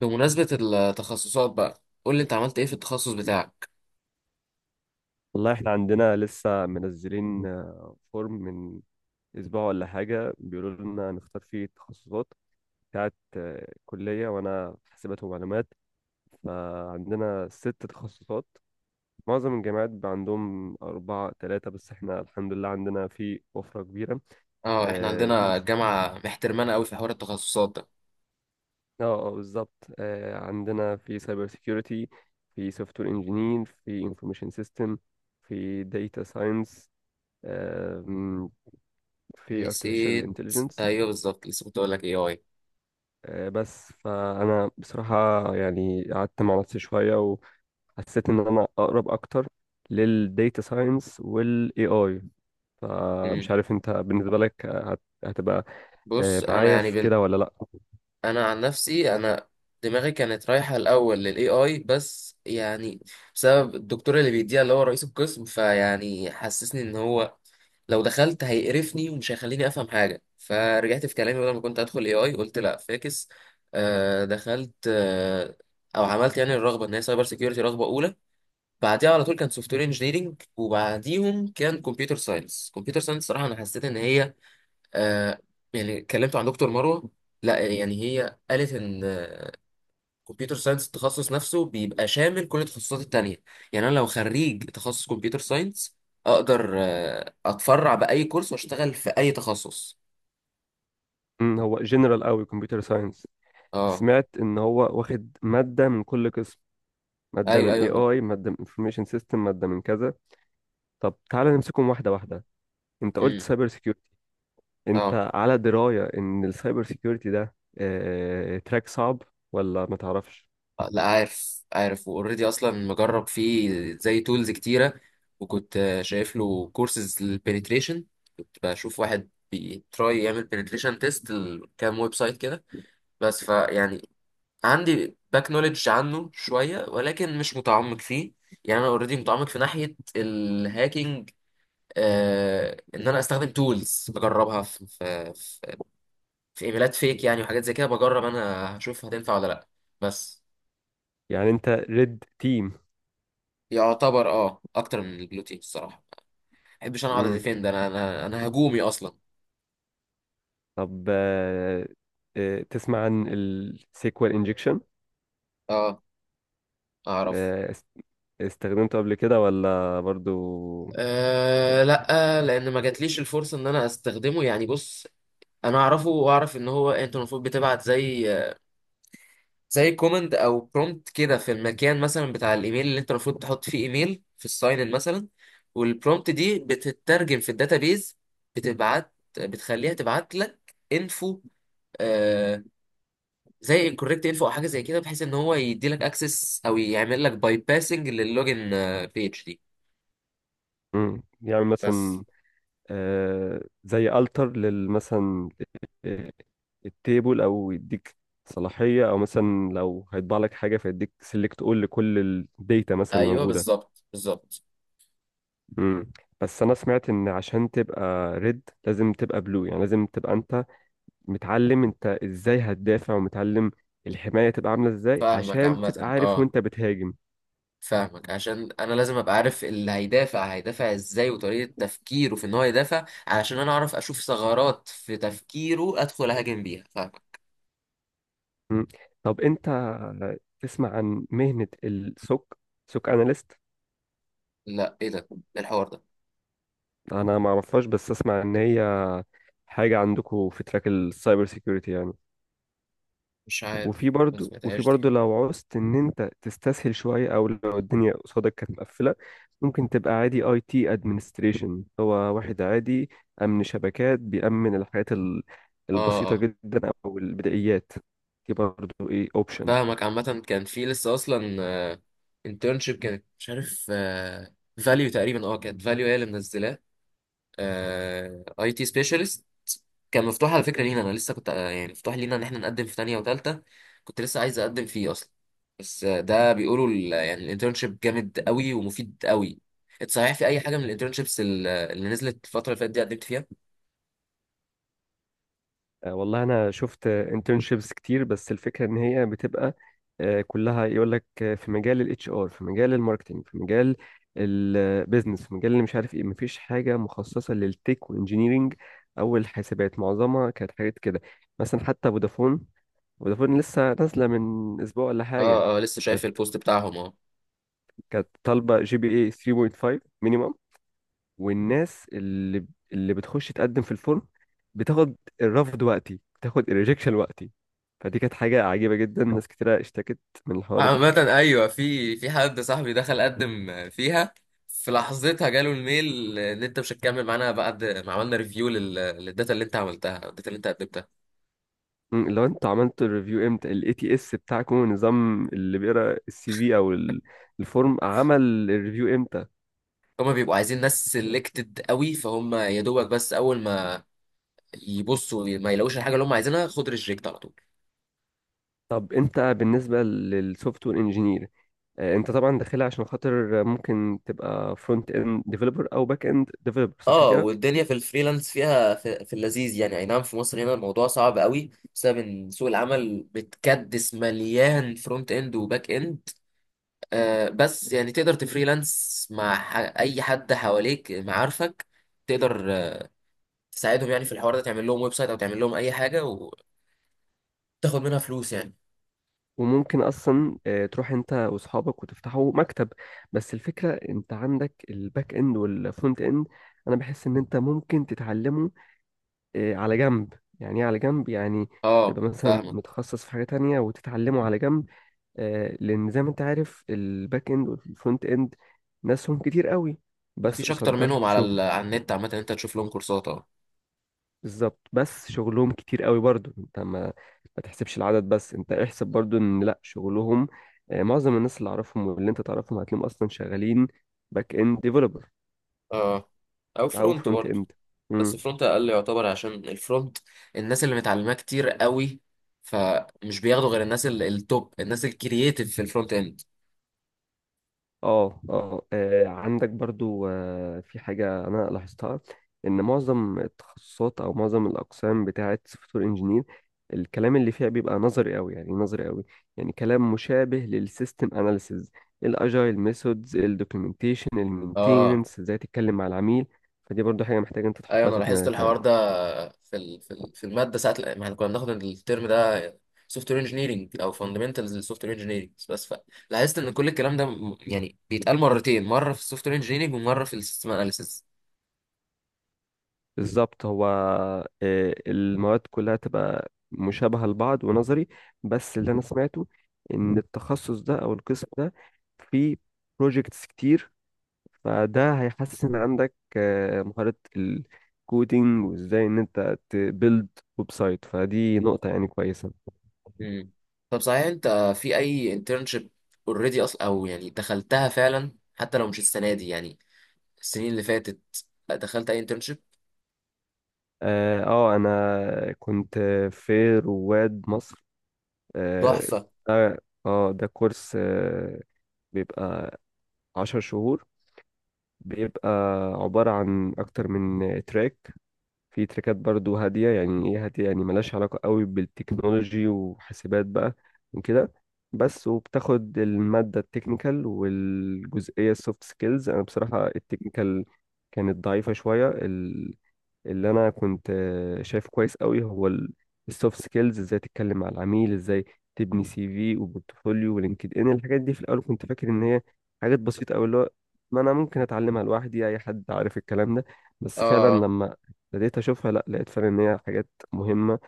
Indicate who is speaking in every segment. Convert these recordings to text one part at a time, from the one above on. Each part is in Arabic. Speaker 1: بمناسبة التخصصات بقى قول لي انت عملت ايه في التخصص بتاعك.
Speaker 2: والله احنا عندنا لسه منزلين فورم من اسبوع ولا حاجة، بيقولوا لنا نختار فيه التخصصات بتاعت كلية. وانا في حاسبات ومعلومات، فعندنا ست تخصصات. معظم الجامعات بقى عندهم أربعة تلاتة، بس احنا الحمد لله عندنا في وفرة كبيرة.
Speaker 1: اه، احنا
Speaker 2: آه، في.
Speaker 1: عندنا الجامعة محترمانة قوي في حوار التخصصات ده.
Speaker 2: اه، آه، بالظبط. عندنا في سايبر سيكيورتي، في سوفت وير انجينير، في انفورميشن سيستم، في داتا ساينس، في artificial
Speaker 1: نسيت.
Speaker 2: intelligence.
Speaker 1: ايوه بالظبط، لسه كنت اقول لك ايه اي.
Speaker 2: بس فانا بصراحه يعني قعدت مع نفسي شويه، وحسيت ان انا اقرب اكتر للديتا ساينس والاي اي. فمش
Speaker 1: مم.
Speaker 2: عارف انت بالنسبه لك هتبقى
Speaker 1: بص، انا
Speaker 2: معايا في كده ولا لا؟
Speaker 1: انا عن نفسي، انا دماغي كانت رايحة الاول للاي اي، بس يعني بسبب الدكتور اللي بيديها، اللي هو رئيس القسم، فيعني حسسني ان هو لو دخلت هيقرفني ومش هيخليني افهم حاجه، فرجعت في كلامي. بدل ما كنت ادخل اي اي قلت لا فاكس. آه دخلت، آه او عملت يعني الرغبه ان هي سايبر سيكيورتي رغبه اولى، بعديها على طول كان سوفت وير انجينيرنج، وبعديهم كان كمبيوتر ساينس. كمبيوتر ساينس صراحه انا حسيت ان هي آه، يعني كلمت عن دكتور مروه، لا يعني هي قالت ان كمبيوتر ساينس التخصص نفسه بيبقى شامل كل التخصصات التانية. يعني انا لو خريج تخصص كمبيوتر ساينس اقدر اتفرع باي كورس واشتغل في اي تخصص.
Speaker 2: هو جنرال قوي كمبيوتر ساينس.
Speaker 1: اه.
Speaker 2: سمعت ان هو واخد ماده من كل قسم، ماده
Speaker 1: ايوه
Speaker 2: من اي
Speaker 1: ايوه.
Speaker 2: اي، ماده من انفورميشن سيستم، ماده من كذا. طب تعالى نمسكهم واحده واحده. انت قلت
Speaker 1: امم.
Speaker 2: سايبر، انت
Speaker 1: اه،
Speaker 2: على دراية ان السايبر سيكيورتي ده تراك صعب ولا ما تعرفش؟
Speaker 1: لا عارف عارف، واوريدي اصلا مجرب فيه زي تولز كتيره. وكنت شايف له كورسز للبنتريشن، كنت بشوف واحد بيتراي يعمل بنتريشن تيست لكام ويب سايت كده. بس فيعني عندي باك نوليدج عنه شوية، ولكن مش متعمق فيه. يعني انا اوريدي متعمق في ناحية الهاكينج، آه ان انا استخدم تولز بجربها في ايميلات فيك يعني، وحاجات زي كده بجرب انا هشوف هتنفع ولا لا. بس
Speaker 2: يعني انت ريد تيم؟
Speaker 1: يعتبر اه اكتر من البلو تيم الصراحة. ما بحبش انا اقعد
Speaker 2: مم.
Speaker 1: اديفند، انا هجومي اصلا.
Speaker 2: طب، تسمع عن السيكوال انجكشن؟
Speaker 1: اه، اعرف.
Speaker 2: استخدمته قبل كده ولا برضو؟
Speaker 1: أه لا، لان ما جاتليش الفرصه ان انا استخدمه. يعني بص، انا اعرفه واعرف ان هو انت المفروض بتبعت زي كومند او برومبت كده، في المكان مثلا بتاع الايميل اللي انت المفروض تحط فيه ايميل، في الساين ان مثلا. والبرومبت دي بتترجم في الداتابيز، بتبعت بتخليها تبعت لك انفو، آه زي انكوركت انفو او حاجه زي كده، بحيث ان هو يدي لك اكسس او يعمل لك باي باسنج للوجن بيج دي.
Speaker 2: مم. يعني
Speaker 1: بس
Speaker 2: مثلا زي التر للمثلا التيبل، او يديك صلاحية، او مثلا لو هيطبع لك حاجة فيديك سيلكت اول لكل الداتا مثلا
Speaker 1: ايوه
Speaker 2: الموجودة.
Speaker 1: بالظبط بالظبط.
Speaker 2: امم بس انا سمعت ان عشان تبقى ريد لازم تبقى بلو، يعني لازم تبقى انت متعلم انت ازاي هتدافع، ومتعلم الحماية تبقى عاملة ازاي،
Speaker 1: فاهمك
Speaker 2: عشان
Speaker 1: عامه،
Speaker 2: تبقى عارف
Speaker 1: اه
Speaker 2: وانت بتهاجم.
Speaker 1: فاهمك. عشان انا لازم ابقى عارف اللي هيدافع هيدافع ازاي، وطريقة تفكيره في ان هو يدافع، علشان انا اعرف اشوف ثغرات في تفكيره ادخل اهاجم بيها. فاهمك.
Speaker 2: مم. طب انت تسمع عن مهنة السوك، سوك اناليست؟
Speaker 1: لا، ايه ده؟ إيه الحوار ده؟
Speaker 2: انا ما اعرفهاش بس اسمع ان هي حاجة عندكم في تراك السايبر سيكيورتي يعني.
Speaker 1: مش عارف.
Speaker 2: وفي
Speaker 1: ما
Speaker 2: برضو وفي
Speaker 1: سمعتهاش دي.
Speaker 2: برضو لو عوزت ان انت تستسهل شويه، او لو الدنيا قصادك كانت مقفله، ممكن تبقى عادي اي تي ادمنستريشن. هو واحد عادي، امن شبكات، بيأمن الحاجات
Speaker 1: اه
Speaker 2: البسيطه
Speaker 1: اه
Speaker 2: جدا او البدائيات. دي برضو ايه اوبشن.
Speaker 1: فاهمك. عامة كان في لسه اصلا انترنشيب، كانت مش عارف فاليو تقريبا، اه كانت فاليو هي اللي منزلاه، اي تي سبيشالست. كان مفتوح على فكرة لينا، انا لسه كنت يعني مفتوح لينا ان احنا نقدم في تانية وتالتة، كنت لسه عايز اقدم فيه اصلا. بس ده بيقولوا يعني الانترنشيب جامد قوي ومفيد قوي. انت صحيح في اي حاجة من الانترنشيبس اللي نزلت الفترة اللي فاتت دي قدمت فيها؟
Speaker 2: والله انا شفت انترنشيبس كتير، بس الفكره ان هي بتبقى كلها يقول لك في مجال الاتش ار، في مجال الماركتنج، في مجال البيزنس، في مجال اللي مش عارف ايه. مفيش حاجه مخصصه للتك وانجينيرينج او الحاسبات، معظمها كانت حاجات كده. مثلا حتى فودافون، فودافون لسه نازله من اسبوع ولا حاجه.
Speaker 1: اه اه، لسه
Speaker 2: كانت
Speaker 1: شايف البوست بتاعهم، اه.
Speaker 2: كانت طالبه GPA 3.5 مينيمم، والناس اللي بتخش تقدم في الفورم بتاخد الرفض وقتي، بتاخد الريجكشن وقتي. فدي كانت حاجة عجيبة جدا، ناس كتيرة اشتكت من الحوار ده.
Speaker 1: عامة ايوه، في حد صاحبي دخل قدم فيها، في لحظتها جاله الميل ان انت مش هتكمل معانا بعد ما عملنا ريفيو للداتا اللي انت عملتها، الداتا اللي انت قدمتها.
Speaker 2: مم، لو انتوا عملتوا الريفيو امتى؟ الاي تي اس بتاعكم، النظام اللي بيقرا السي في او الفورم، عمل الريفيو امتى؟
Speaker 1: هما بيبقوا عايزين ناس سيلكتد قوي، فهم يا دوبك بس اول ما يبصوا ما يلاقوش الحاجه اللي هم عايزينها، خد ريجكت على طول.
Speaker 2: طب انت بالنسبة للسوفت وير انجينير، انت طبعا داخلها عشان خاطر ممكن تبقى فرونت اند ديفلوبر او باك اند ديفلوبر، صح
Speaker 1: اه،
Speaker 2: كده؟
Speaker 1: والدنيا في الفريلانس فيها في اللذيذ، يعني اي نعم في مصر هنا الموضوع صعب قوي بسبب ان سوق العمل متكدس مليان فرونت اند وباك اند. آه بس يعني تقدر تفريلانس مع اي حد حواليك، معارفك تقدر تساعدهم يعني في الحوار ده، تعمل لهم ويب سايت او تعمل لهم اي حاجه وتاخد منها فلوس يعني.
Speaker 2: وممكن اصلا تروح انت واصحابك وتفتحوا مكتب. بس الفكره انت عندك الباك اند والفرونت اند، انا بحس ان انت ممكن تتعلمه على جنب. يعني ايه على جنب؟ يعني تبقى
Speaker 1: اه
Speaker 2: مثلا
Speaker 1: فاهمك.
Speaker 2: متخصص في حاجه تانية، وتتعلمه على جنب. لان زي ما انت عارف الباك اند والفرونت اند ناسهم كتير قوي، بس
Speaker 1: مفيش
Speaker 2: قصاد
Speaker 1: اكتر
Speaker 2: ده
Speaker 1: منهم على
Speaker 2: شغل.
Speaker 1: ال... على النت. عامه انت تشوف لهم كورسات، اه.
Speaker 2: بالظبط. بس شغلهم كتير قوي برضو، انت ما تحسبش العدد، بس انت احسب برضو ان لا شغلهم معظم الناس اللي اعرفهم واللي انت تعرفهم هتلاقيهم اصلا شغالين باك اند ديفلوبر،
Speaker 1: اه او
Speaker 2: او
Speaker 1: فرونت
Speaker 2: فرونت
Speaker 1: برضه.
Speaker 2: اند.
Speaker 1: بس فرونت اقل يعتبر، عشان الفرونت الناس اللي متعلماه كتير قوي، فمش بياخدوا غير الناس التوب، الناس الكرييتيف في الفرونت اند.
Speaker 2: اه، اه، عندك برضو في حاجة أنا لاحظتها، إن معظم التخصصات أو معظم الأقسام بتاعة سوفت وير إنجينير الكلام اللي فيها بيبقى نظري أوي. يعني إيه نظري أوي؟ يعني كلام مشابه للسيستم أناليسيز، الأجايل ميثودز، الدوكيومنتيشن،
Speaker 1: اه
Speaker 2: المينتيننس، إزاي تتكلم مع العميل. فدي برضو حاجة محتاجة أنت
Speaker 1: ايوه
Speaker 2: تحطها
Speaker 1: انا
Speaker 2: في
Speaker 1: لاحظت
Speaker 2: دماغك يعني.
Speaker 1: الحوار ده، في الماده ساعه ما احنا كنا بناخد الترم ده سوفت وير انجينيرنج او فاندمنتالز للسوفت وير انجينيرنج بس. فلاحظت ان كل الكلام ده يعني بيتقال مرتين، مره في السوفت وير انجينيرنج ومره في السيستم اناليسيس.
Speaker 2: بالظبط. هو المواد كلها تبقى مشابهة لبعض ونظري، بس اللي أنا سمعته إن التخصص ده أو القسم ده فيه بروجيكتس كتير، فده هيحسن عندك مهارة الكودينج وإزاي إن أنت تبيلد ويب سايت، فدي نقطة يعني كويسة.
Speaker 1: مم. طب صحيح انت في اي انترنشيب اوريدي اصلا، او يعني دخلتها فعلا حتى لو مش السنه دي يعني، السنين اللي فاتت دخلت اي انترنشيب؟
Speaker 2: اه، أنا كنت في رواد مصر. اه،
Speaker 1: تحفه.
Speaker 2: ده ده كورس بيبقى 10 شهور، بيبقى عبارة عن أكتر من تراك. في تراكات برضو هادية، يعني إيه هادية؟ يعني ملهاش علاقة قوي بالتكنولوجي وحاسبات بقى وكده. بس وبتاخد المادة التكنيكال والجزئية السوفت سكيلز، أنا بصراحة التكنيكال كانت ضعيفة شوية. اللي انا كنت شايفه كويس قوي هو السوفت سكيلز، ازاي تتكلم مع العميل، ازاي تبني سي في وبورتفوليو ولينكد ان. الحاجات دي في الاول كنت فاكر ان
Speaker 1: مم.
Speaker 2: هي حاجات بسيطه قوي، اللي هو ما انا ممكن اتعلمها لوحدي، اي حد عارف الكلام ده، بس فعلا
Speaker 1: اه
Speaker 2: لما بديت اشوفها لا، لقيت فعلا ان هي حاجات مهمه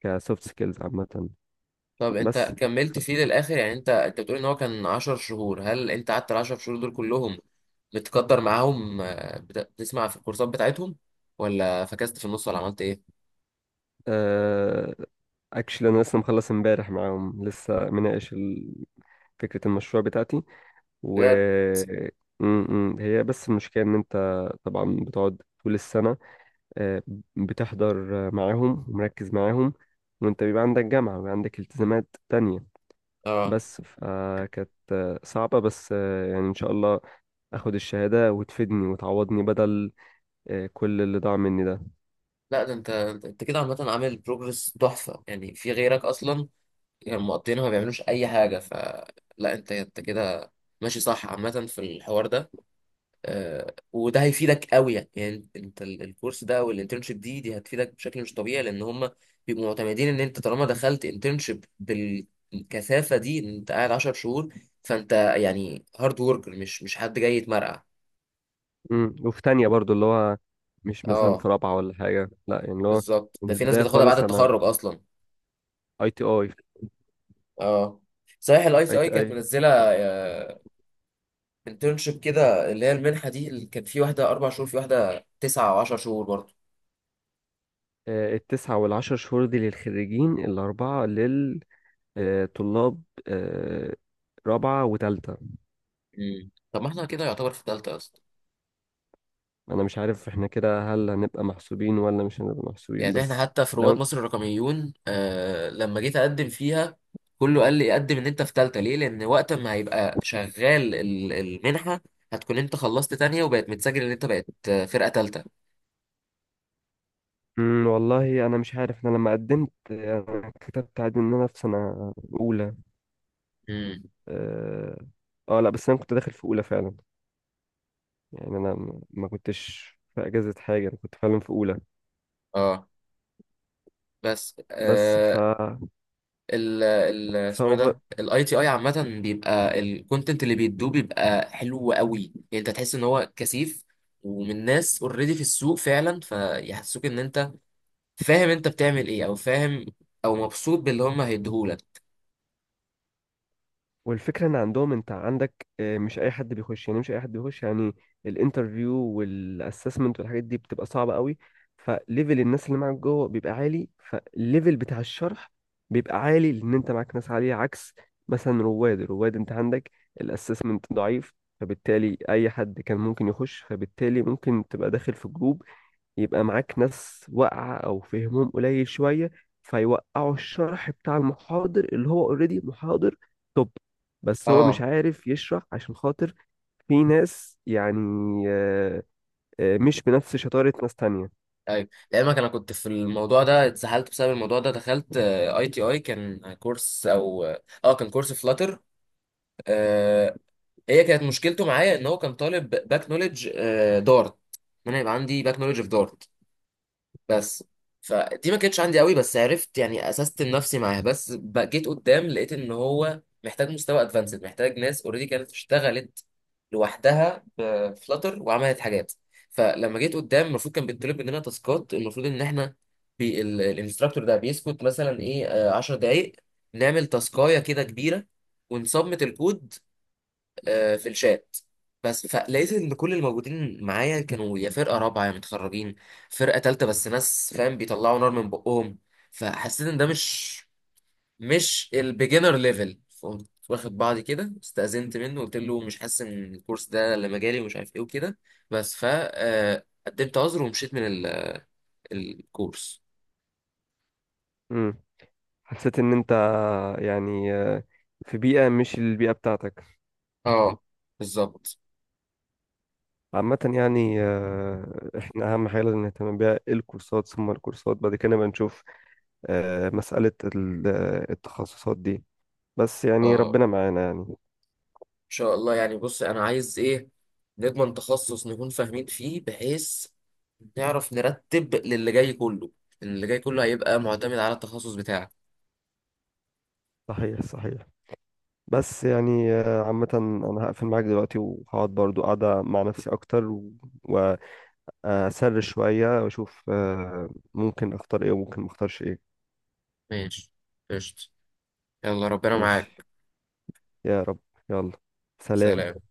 Speaker 2: كسوفت سكيلز عامه.
Speaker 1: طب
Speaker 2: بس.
Speaker 1: انت كملت
Speaker 2: ف-
Speaker 1: فيه للاخر؟ يعني انت بتقول ان هو كان 10 شهور، هل انت قعدت ال 10 شهور دول كلهم متقدر معاهم، بتسمع في الكورسات بتاعتهم، ولا فكست في النص، ولا عملت ايه؟
Speaker 2: آه، اكشلي انا لسه مخلص امبارح معاهم، لسه مناقش فكرة المشروع بتاعتي. و
Speaker 1: بجد.
Speaker 2: م- م. هي بس المشكلة إن أنت طبعا بتقعد طول السنة، آه، بتحضر معاهم ومركز معاهم، وأنت بيبقى عندك جامعة وبيبقى عندك التزامات تانية.
Speaker 1: اه
Speaker 2: بس فكانت صعبة، بس يعني إن شاء الله أخد الشهادة وتفيدني وتعوضني بدل كل اللي ضاع مني ده.
Speaker 1: لا، ده انت كده عامه عامل بروجرس تحفه يعني، في غيرك اصلا يعني مقضينها، ما بيعملوش اي حاجه. فلا، انت كده ماشي صح عامه في الحوار ده. وده هيفيدك قوي يعني. يعني انت الكورس ده والانترنشيب دي هتفيدك بشكل مش طبيعي، لان هم بيبقوا معتمدين ان انت طالما دخلت انترنشيب بالكثافه دي، ان انت قاعد 10 شهور، فانت يعني هارد وركر، مش حد جاي يتمرقع.
Speaker 2: وفي تانية برضو، اللي هو مش مثلا
Speaker 1: اه
Speaker 2: في رابعة ولا حاجة لا، يعني اللي هو
Speaker 1: بالظبط،
Speaker 2: من
Speaker 1: ده في ناس
Speaker 2: البداية
Speaker 1: بتاخدها بعد
Speaker 2: خالص. أنا
Speaker 1: التخرج اصلا.
Speaker 2: أي تي أي
Speaker 1: اه صحيح، الاي
Speaker 2: أي
Speaker 1: سي اي
Speaker 2: تي
Speaker 1: كانت
Speaker 2: أي
Speaker 1: منزله انترنشيب كده، اللي هي المنحه دي، اللي كان في واحده اربع شهور، في واحده تسعه او 10 شهور برضه.
Speaker 2: التسعة والعشر شهور دي للخريجين، الأربعة للطلاب رابعة وتالتة.
Speaker 1: مم. طب ما احنا كده يعتبر في ثالثه اصلا.
Speaker 2: أنا مش عارف إحنا كده هل هنبقى محسوبين ولا مش هنبقى محسوبين،
Speaker 1: يعني احنا
Speaker 2: بس
Speaker 1: حتى في رواد
Speaker 2: لو.
Speaker 1: مصر الرقميون، آه لما جيت اقدم فيها كله قال لي قدم ان انت في تالتة، ليه؟ لان وقت ما هيبقى شغال المنحة هتكون انت خلصت تانية، وبقت متسجل ان انت بقت فرقة تالتة.
Speaker 2: مم، والله أنا مش عارف. أنا لما قدمت أنا كتبت عادي إن أنا في سنة أولى.
Speaker 1: امم.
Speaker 2: آه. لأ بس أنا كنت داخل في أولى فعلا، يعني أنا ما كنتش في أجازة حاجة، أنا كنت فعلا في أولى
Speaker 1: اه. بس
Speaker 2: بس. ف
Speaker 1: آه، ال
Speaker 2: ف
Speaker 1: اسمه ايه ده، الاي تي اي، عامة بيبقى الكونتنت اللي بيدوه بيبقى حلو قوي، يعني انت تحس ان هو كثيف، ومن ناس اوريدي في السوق فعلا، فيحسسوك ان انت فاهم انت بتعمل ايه، او فاهم، او مبسوط باللي هم هيديهولك.
Speaker 2: والفكرة ان عندهم انت عندك مش اي حد بيخش يعني، مش اي حد بيخش يعني. الانترفيو والاسسمنت والحاجات دي بتبقى صعبة قوي، فليفل الناس اللي معاك جوه بيبقى عالي، فالليفل بتاع الشرح بيبقى عالي لان انت معاك ناس عالية. عكس مثلا رواد، انت عندك الاسسمنت ضعيف، فبالتالي اي حد كان ممكن يخش، فبالتالي ممكن تبقى داخل في جروب يبقى معاك ناس واقعة أو فهمهم قليل شوية، فيوقعوا الشرح بتاع المحاضر اللي هو اوريدي محاضر توب، بس هو مش
Speaker 1: اه
Speaker 2: عارف يشرح عشان خاطر في ناس يعني آه، مش بنفس شطارة ناس تانية.
Speaker 1: ايوه لعلمك، انا كنت في الموضوع ده اتسحلت بسبب الموضوع ده. دخلت اي تي اي كان كورس او اه كان كورس فلاتر، آه هي كانت مشكلته معايا ان هو كان طالب باك نولج، آه دارت، ان انا يبقى عندي باك نولج في دارت، بس فدي ما كانتش عندي قوي، بس عرفت يعني اسست نفسي معاها، بس بقى جيت قدام لقيت ان هو محتاج مستوى ادفانسد، محتاج ناس اوريدي كانت اشتغلت لوحدها بفلاتر وعملت حاجات. فلما جيت قدام المفروض كان بيطلب مننا تاسكات، المفروض ان احنا الانستراكتور ده بيسكت مثلا ايه 10 دقايق نعمل تاسكايه كده كبيره ونسبمت الكود في الشات. بس فلقيت ان كل الموجودين معايا كانوا يا فرقه رابعه، يا متخرجين، فرقه تالته بس ناس فاهم بيطلعوا نار من بقهم. فحسيت ان ده مش مش البيجنر ليفل، فقمت واخد بعضي كده، استأذنت منه قلت له مش حاسس ان الكورس ده اللي مجالي ومش عارف ايه وكده. بس ف قدمت عذر ومشيت من الكورس.
Speaker 2: مم. حسيت إن أنت يعني في بيئة مش البيئة بتاعتك.
Speaker 1: اه بالظبط.
Speaker 2: عامة يعني احنا أهم حاجة لازم نهتم بيها الكورسات، ثم الكورسات. بعد كده نبقى نشوف مسألة التخصصات دي، بس يعني
Speaker 1: اه
Speaker 2: ربنا معانا يعني.
Speaker 1: شاء الله يعني. بص انا عايز ايه؟ نضمن تخصص نكون فاهمين فيه، بحيث نعرف نرتب للي جاي كله، لأن اللي جاي كله هيبقى معتمد على التخصص بتاعك.
Speaker 2: صحيح، صحيح. بس يعني عامة أنا هقفل معاك دلوقتي وهقعد برضو قاعدة مع نفسي أكتر، وأسر شوية وأشوف ممكن أختار إيه وممكن مختارش إيه.
Speaker 1: ماشي، قشطة. يلا ربنا
Speaker 2: ماشي.
Speaker 1: معاك.
Speaker 2: يا رب. يلا.
Speaker 1: سلام.
Speaker 2: سلام.